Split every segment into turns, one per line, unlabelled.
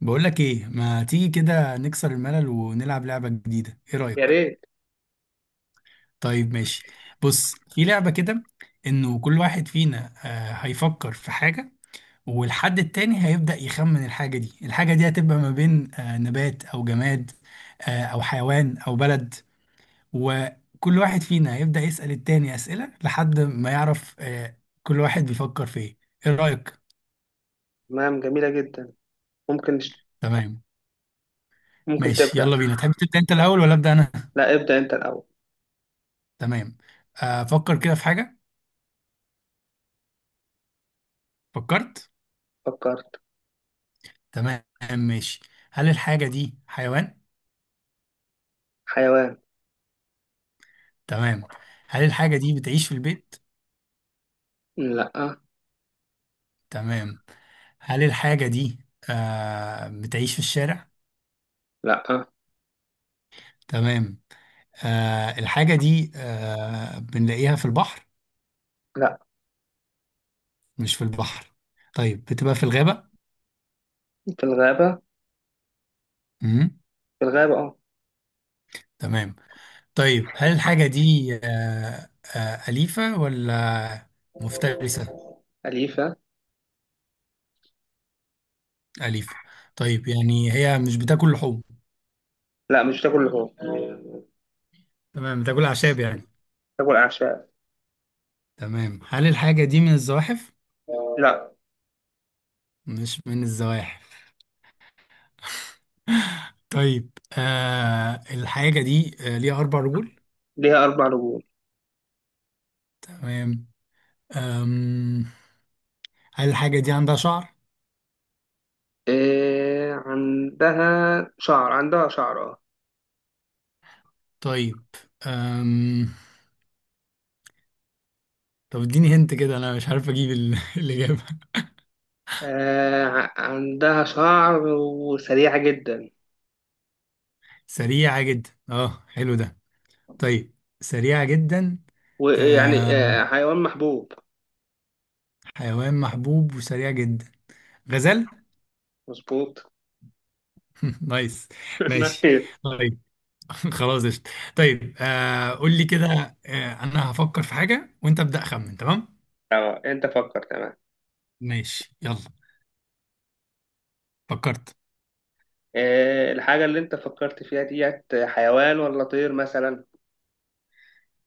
بقولك ايه؟ ما تيجي كده نكسر الملل ونلعب لعبة جديدة؟ ايه
يا
رأيك؟
ريت.
طيب ماشي. بص، في لعبة كده، انه كل واحد فينا هيفكر في حاجة، والحد التاني هيبدأ يخمن الحاجة دي. الحاجة دي هتبقى ما بين نبات او جماد او حيوان او بلد. وكل واحد فينا هيبدأ يسأل التاني أسئلة لحد ما يعرف كل واحد بيفكر في ايه. ايه رأيك؟
نعم، جميلة جدا. ممكن
تمام
ممكن
ماشي
تبدأ.
يلا بينا. تحب تبدأ انت الأول ولا أبدأ انا؟
لا، ابدأ أنت الأول.
تمام. افكر كده في حاجة. فكرت.
فكرت.
تمام ماشي. هل الحاجة دي حيوان؟
حيوان.
تمام. هل الحاجة دي بتعيش في البيت؟
لا.
تمام. هل الحاجة دي بتعيش في الشارع؟
لا.
تمام. الحاجة دي بنلاقيها في البحر؟
لا.
مش في البحر؟ طيب، بتبقى في الغابة؟
في الغابة.
مم.
في الغابة اه.
تمام. طيب هل الحاجة دي أليفة ولا مفترسة؟
أليفة.
أليفة؟ طيب، يعني هي مش بتاكل لحوم؟
لا، مش تاكل لحوم.
تمام، بتاكل أعشاب يعني.
تاكل أعشاب.
تمام، هل الحاجة دي من الزواحف؟
لا.
مش من الزواحف. طيب، الحاجة دي ليها أربع رجول.
ليها أربع رجول.
تمام. آم هل الحاجة دي عندها شعر؟
إيه عندها. شعر، عندها شعر اه.
طيب. آم طب اديني هنت كده، أنا مش عارف أجيب الإجابة.
عندها شعر وسريعة جدا.
سريعة جدا، اه، حلو ده. طيب، سريعة جدا.
ويعني
آم
حيوان محبوب.
حيوان محبوب وسريع جدا. غزال؟
مظبوط.
نايس. ماشي.
نعم.
طيب. خلاص قشطة. طيب، قول لي كده، انا هفكر في حاجة وانت ابدأ خمن. تمام،
اه، انت فكر. تمام.
ماشي يلا. فكرت.
الحاجة اللي أنت فكرت فيها ديت حيوان ولا طير مثلا؟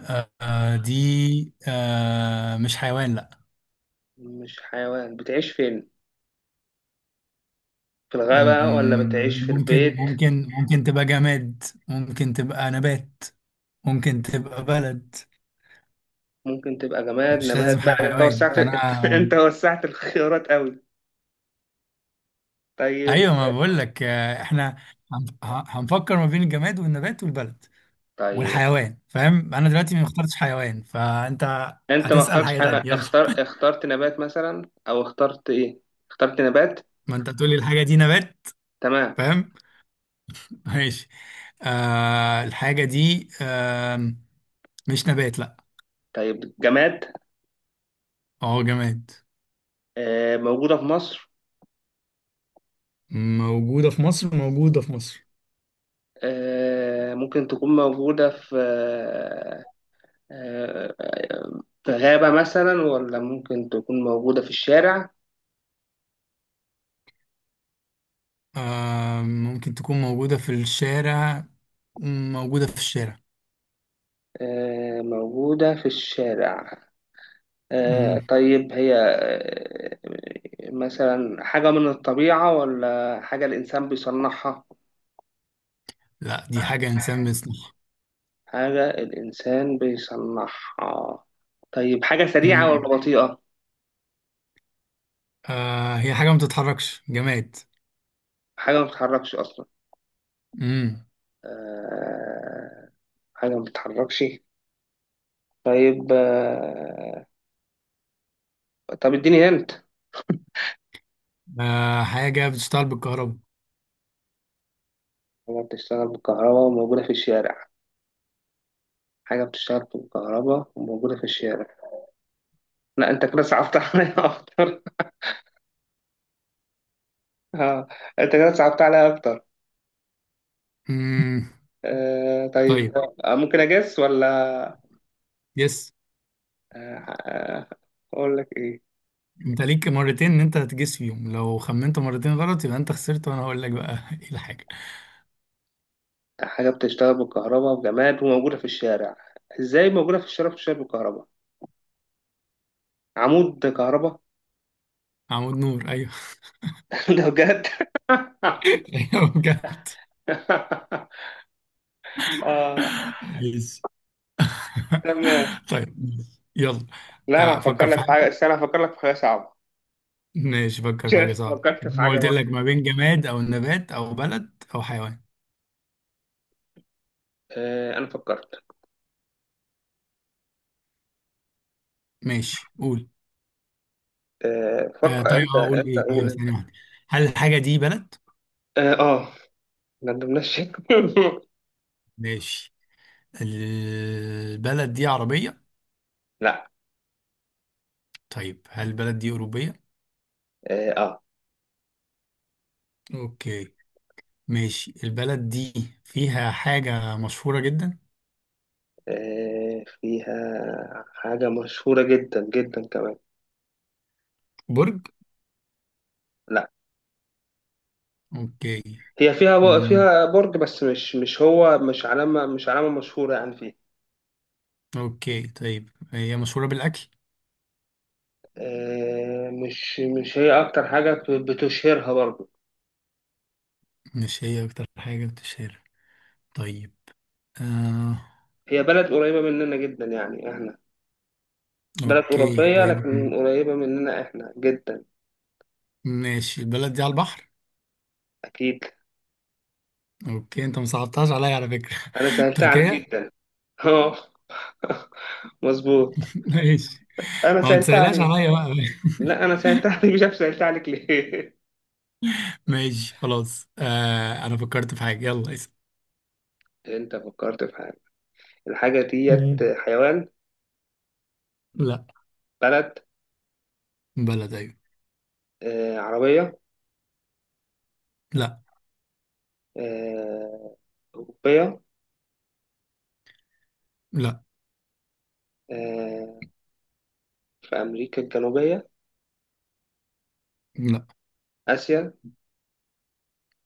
دي مش حيوان، لا.
مش حيوان. بتعيش فين؟ في الغابة ولا
مم،
بتعيش في
ممكن
البيت؟
ممكن ممكن تبقى جماد، ممكن تبقى نبات، ممكن تبقى بلد.
ممكن تبقى جماد،
مش
نبات
لازم
بقى؟ أنت
حيوان
وسعت.
فانا.
أنت وسعت الخيارات أوي. طيب.
ايوه، ما بقول لك، احنا هنفكر ما بين الجماد والنبات والبلد
طيب.
والحيوان. فاهم؟ انا دلوقتي ما اخترتش حيوان، فانت
أنت ما
هتسأل
اخترتش
حاجة تانية
حاجة.
يلا.
اخترت نبات مثلا أو اخترت إيه؟ اخترت نبات.
ما انت تقولي الحاجة دي نبات.
تمام.
فاهم. ماشي. الحاجة دي مش نبات، لا.
طيب، جماد.
اه، جماد.
موجودة في مصر.
موجودة في مصر، موجودة في مصر.
ممكن تكون موجودة في في غابة مثلا، ولا ممكن تكون موجودة في الشارع؟
ممكن تكون موجودة في الشارع. موجودة في الشارع.
موجودة في الشارع.
مم.
طيب، هي مثلا حاجة من الطبيعة ولا حاجة الإنسان بيصنعها؟
لا، دي حاجة إنسان بيصنعها.
حاجة الإنسان بيصنعها. طيب، حاجة سريعة
مم.
ولا بطيئة؟
هي حاجة ما بتتحركش، جماد.
حاجة ما بتتحركش أصلا.
مم.
آه، حاجة ما بتتحركش. طيب. طب اديني هنت.
حاجة بتشتغل بالكهرباء.
حاجة بتشتغل بالكهرباء وموجودة في الشارع. حاجة بتشتغل بالكهرباء وموجودة في الشارع. لا، أنت كده صعبت عليا أكتر. آه. أنت كده صعبت عليا أكتر.
مم.
طيب.
طيب.
ممكن أجس ولا؟
يس.
آه آه، أقول لك إيه.
انت ليك مرتين ان انت هتجس فيهم، لو خمنت مرتين غلط يبقى انت خسرت، وانا هقول لك بقى ايه الحاجه.
حاجة بتشتغل بالكهرباء وجماد وموجودة في الشارع. إزاي موجودة في الشارع بتشتغل بالكهرباء؟ عمود كهرباء.
عمود نور، ايوه.
ده بجد؟
ايوه، بجد.
آه
يس.
تمام.
طيب. يلا،
لا، أنا هفكر
فكر في
لك في حاجة.
حاجه.
بس أنا هفكر لك في حاجة صعبة.
ماشي، فكر في حاجه
شفت؟
صعبه،
فكرت في
ما
حاجة.
قلت لك ما بين جماد او نبات او بلد او حيوان.
انا فكرت.
ماشي، قول.
فكر
طيب،
انت،
قول
انت
ايه. ايوه،
قول
ثانيه
انت.
واحده. هل الحاجه دي بلد؟
اه، ما ندمناش.
ماشي. البلد دي عربيه؟
لا.
طيب، هل البلد دي اوروبيه؟
اه. آه.
اوكي. ماشي، البلد دي فيها حاجة مشهورة جدا؟
فيها حاجة مشهورة جدا جدا كمان.
برج؟
لا،
اوكي.
هي فيها
امم
فيها برج، بس مش هو، مش علامة مشهورة يعني فيها.
اوكي طيب، هي مشهورة بالأكل؟
مش هي أكتر حاجة بتشهرها برضه.
مش هي أكتر حاجة بتشهر. طيب. آه
هي بلد قريبة مننا جدا، يعني احنا بلد
اوكي،
أوروبية
قريبة من-.
لكن قريبة مننا احنا جدا.
ماشي، البلد دي على البحر؟
أكيد.
اوكي، انت ما صعبتهاش عليا على فكرة.
أنا سهلتها عليك
تركيا.
جدا. مظبوط.
ماشي.
انا
ما هو
سألت
متسألهاش
عليك.
عليا بقى.
لا، انا سألت عليك مش عارف سألت عليك ليه.
ماشي خلاص. انا فكرت في حاجة، يلا اسأل.
انت فكرت في حاجة. الحاجة ديت
مم.
حيوان؟
لا.
بلد.
بلد، ايوه.
عربية؟
لا.
آه أوروبية؟
لا،
آه في أمريكا الجنوبية؟
لا
آسيا.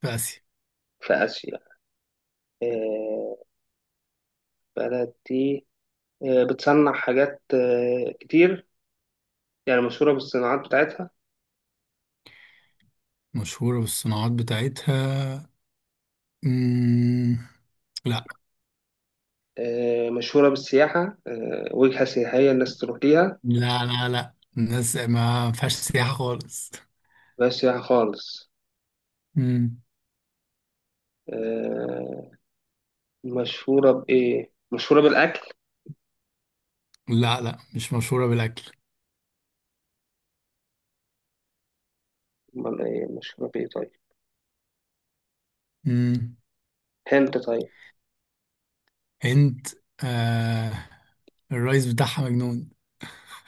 في آسيا.
في آسيا. آه بلد دي بتصنع حاجات كتير، يعني مشهورة بالصناعات بتاعتها.
مشهورة بالصناعات بتاعتها. مم... لا.
مشهورة بالسياحة، وجهة سياحية الناس تروح ليها.
لا لا لا، الناس ما فيهاش سياحة خالص.
بس سياحة خالص.
مم.
آه، مشهورة بإيه؟ مشهورة بالأكل؟
لا لا، مش مشهورة بالأكل.
أمال إيه مشهورة بإيه طيب؟
مم.
هند؟ طيب.
هند. آه... الرئيس بتاعها مجنون.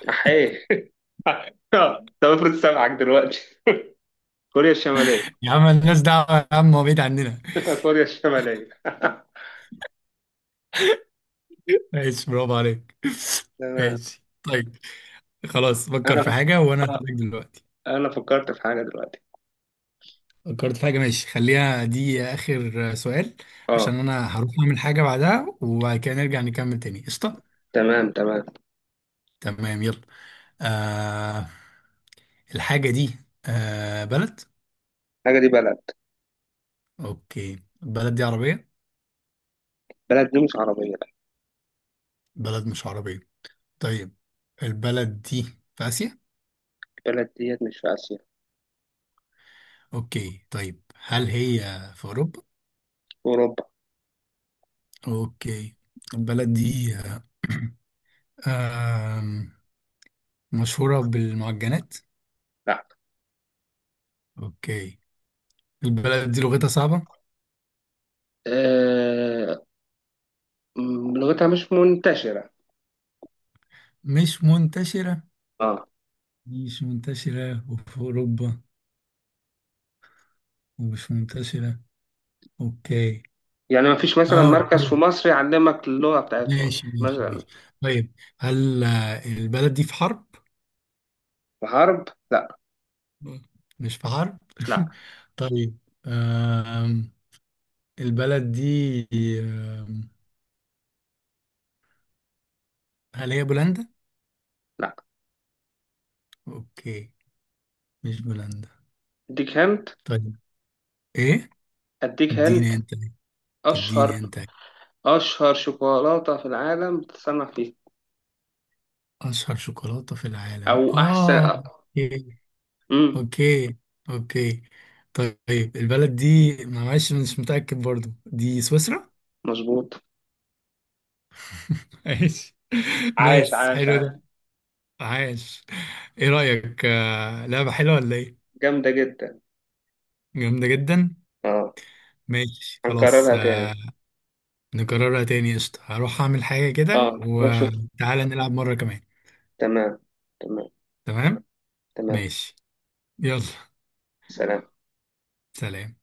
أحيه. طب افرض سامعك دلوقتي؟ كوريا الشمالية.
يا عم الناس دعوة، يا عم هو بعيد عننا.
كوريا الشمالية.
ماشي، برافو عليك.
تمام.
ماشي طيب. خلاص، فكر
أنا.
في حاجة وأنا
فكرت.
هسألك دلوقتي.
أنا فكرت في حاجة دلوقتي.
فكرت في حاجة. ماشي، خليها دي آخر سؤال
أه.
عشان أنا هروح أعمل حاجة بعدها، وبعد كده نرجع نكمل تاني. قشطة.
تمام. تمام.
تمام يلا. آه الحاجة دي بلد.
الحاجة دي بلد.
أوكي، البلد دي عربية؟
بلد دي مش عربية، لا.
بلد مش عربية. طيب، البلد دي في آسيا؟
بلد ديت مش في آسيا، في
أوكي، طيب هل هي في أوروبا؟
أوروبا.
أوكي. البلد دي آم، مشهورة بالمعجنات؟
لا.
أوكي. البلد دي لغتها صعبة؟
أه... لغتها مش منتشرة.
مش منتشرة؟
أه.
مش منتشرة وفي أوروبا، ومش منتشرة. أوكي.
يعني مفيش مثلا مركز في
أوكي.
مصر يعلمك اللغة بتاعتهم
ماشي ماشي
مثلا.
ماشي. طيب. هل البلد دي في حرب؟
في حرب، لا.
مش في حرب؟
لا.
طيب. آم، البلد دي. آم، هل هي بولندا؟
لا.
أوكي، مش بولندا.
اديك هنت.
طيب، إيه؟
اديك هنت.
اديني أنت. اديني
اشهر
أنت.
اشهر شوكولاته في العالم بتتصنع فيه.
أشهر شوكولاتة في
او
العالم؟
احسن.
أوكي.
امم
اوكي اوكي. طيب، البلد دي، معلش مش متأكد، برضو دي سويسرا؟
مظبوط.
ماشي.
عاش
نايس،
عاش
حلو
عاش.
ده. عاش. ايه رأيك، لعبة حلوة ولا ايه؟
جامده جدا.
جامدة جدا.
اه.
ماشي خلاص.
هنكررها تاني.
نكررها تاني، قشطة. هروح اعمل حاجة كده
اه، روح شوف.
وتعالى نلعب مرة كمان.
تمام. تمام.
تمام.
تمام.
ماشي. يلا.
سلام.
سلام.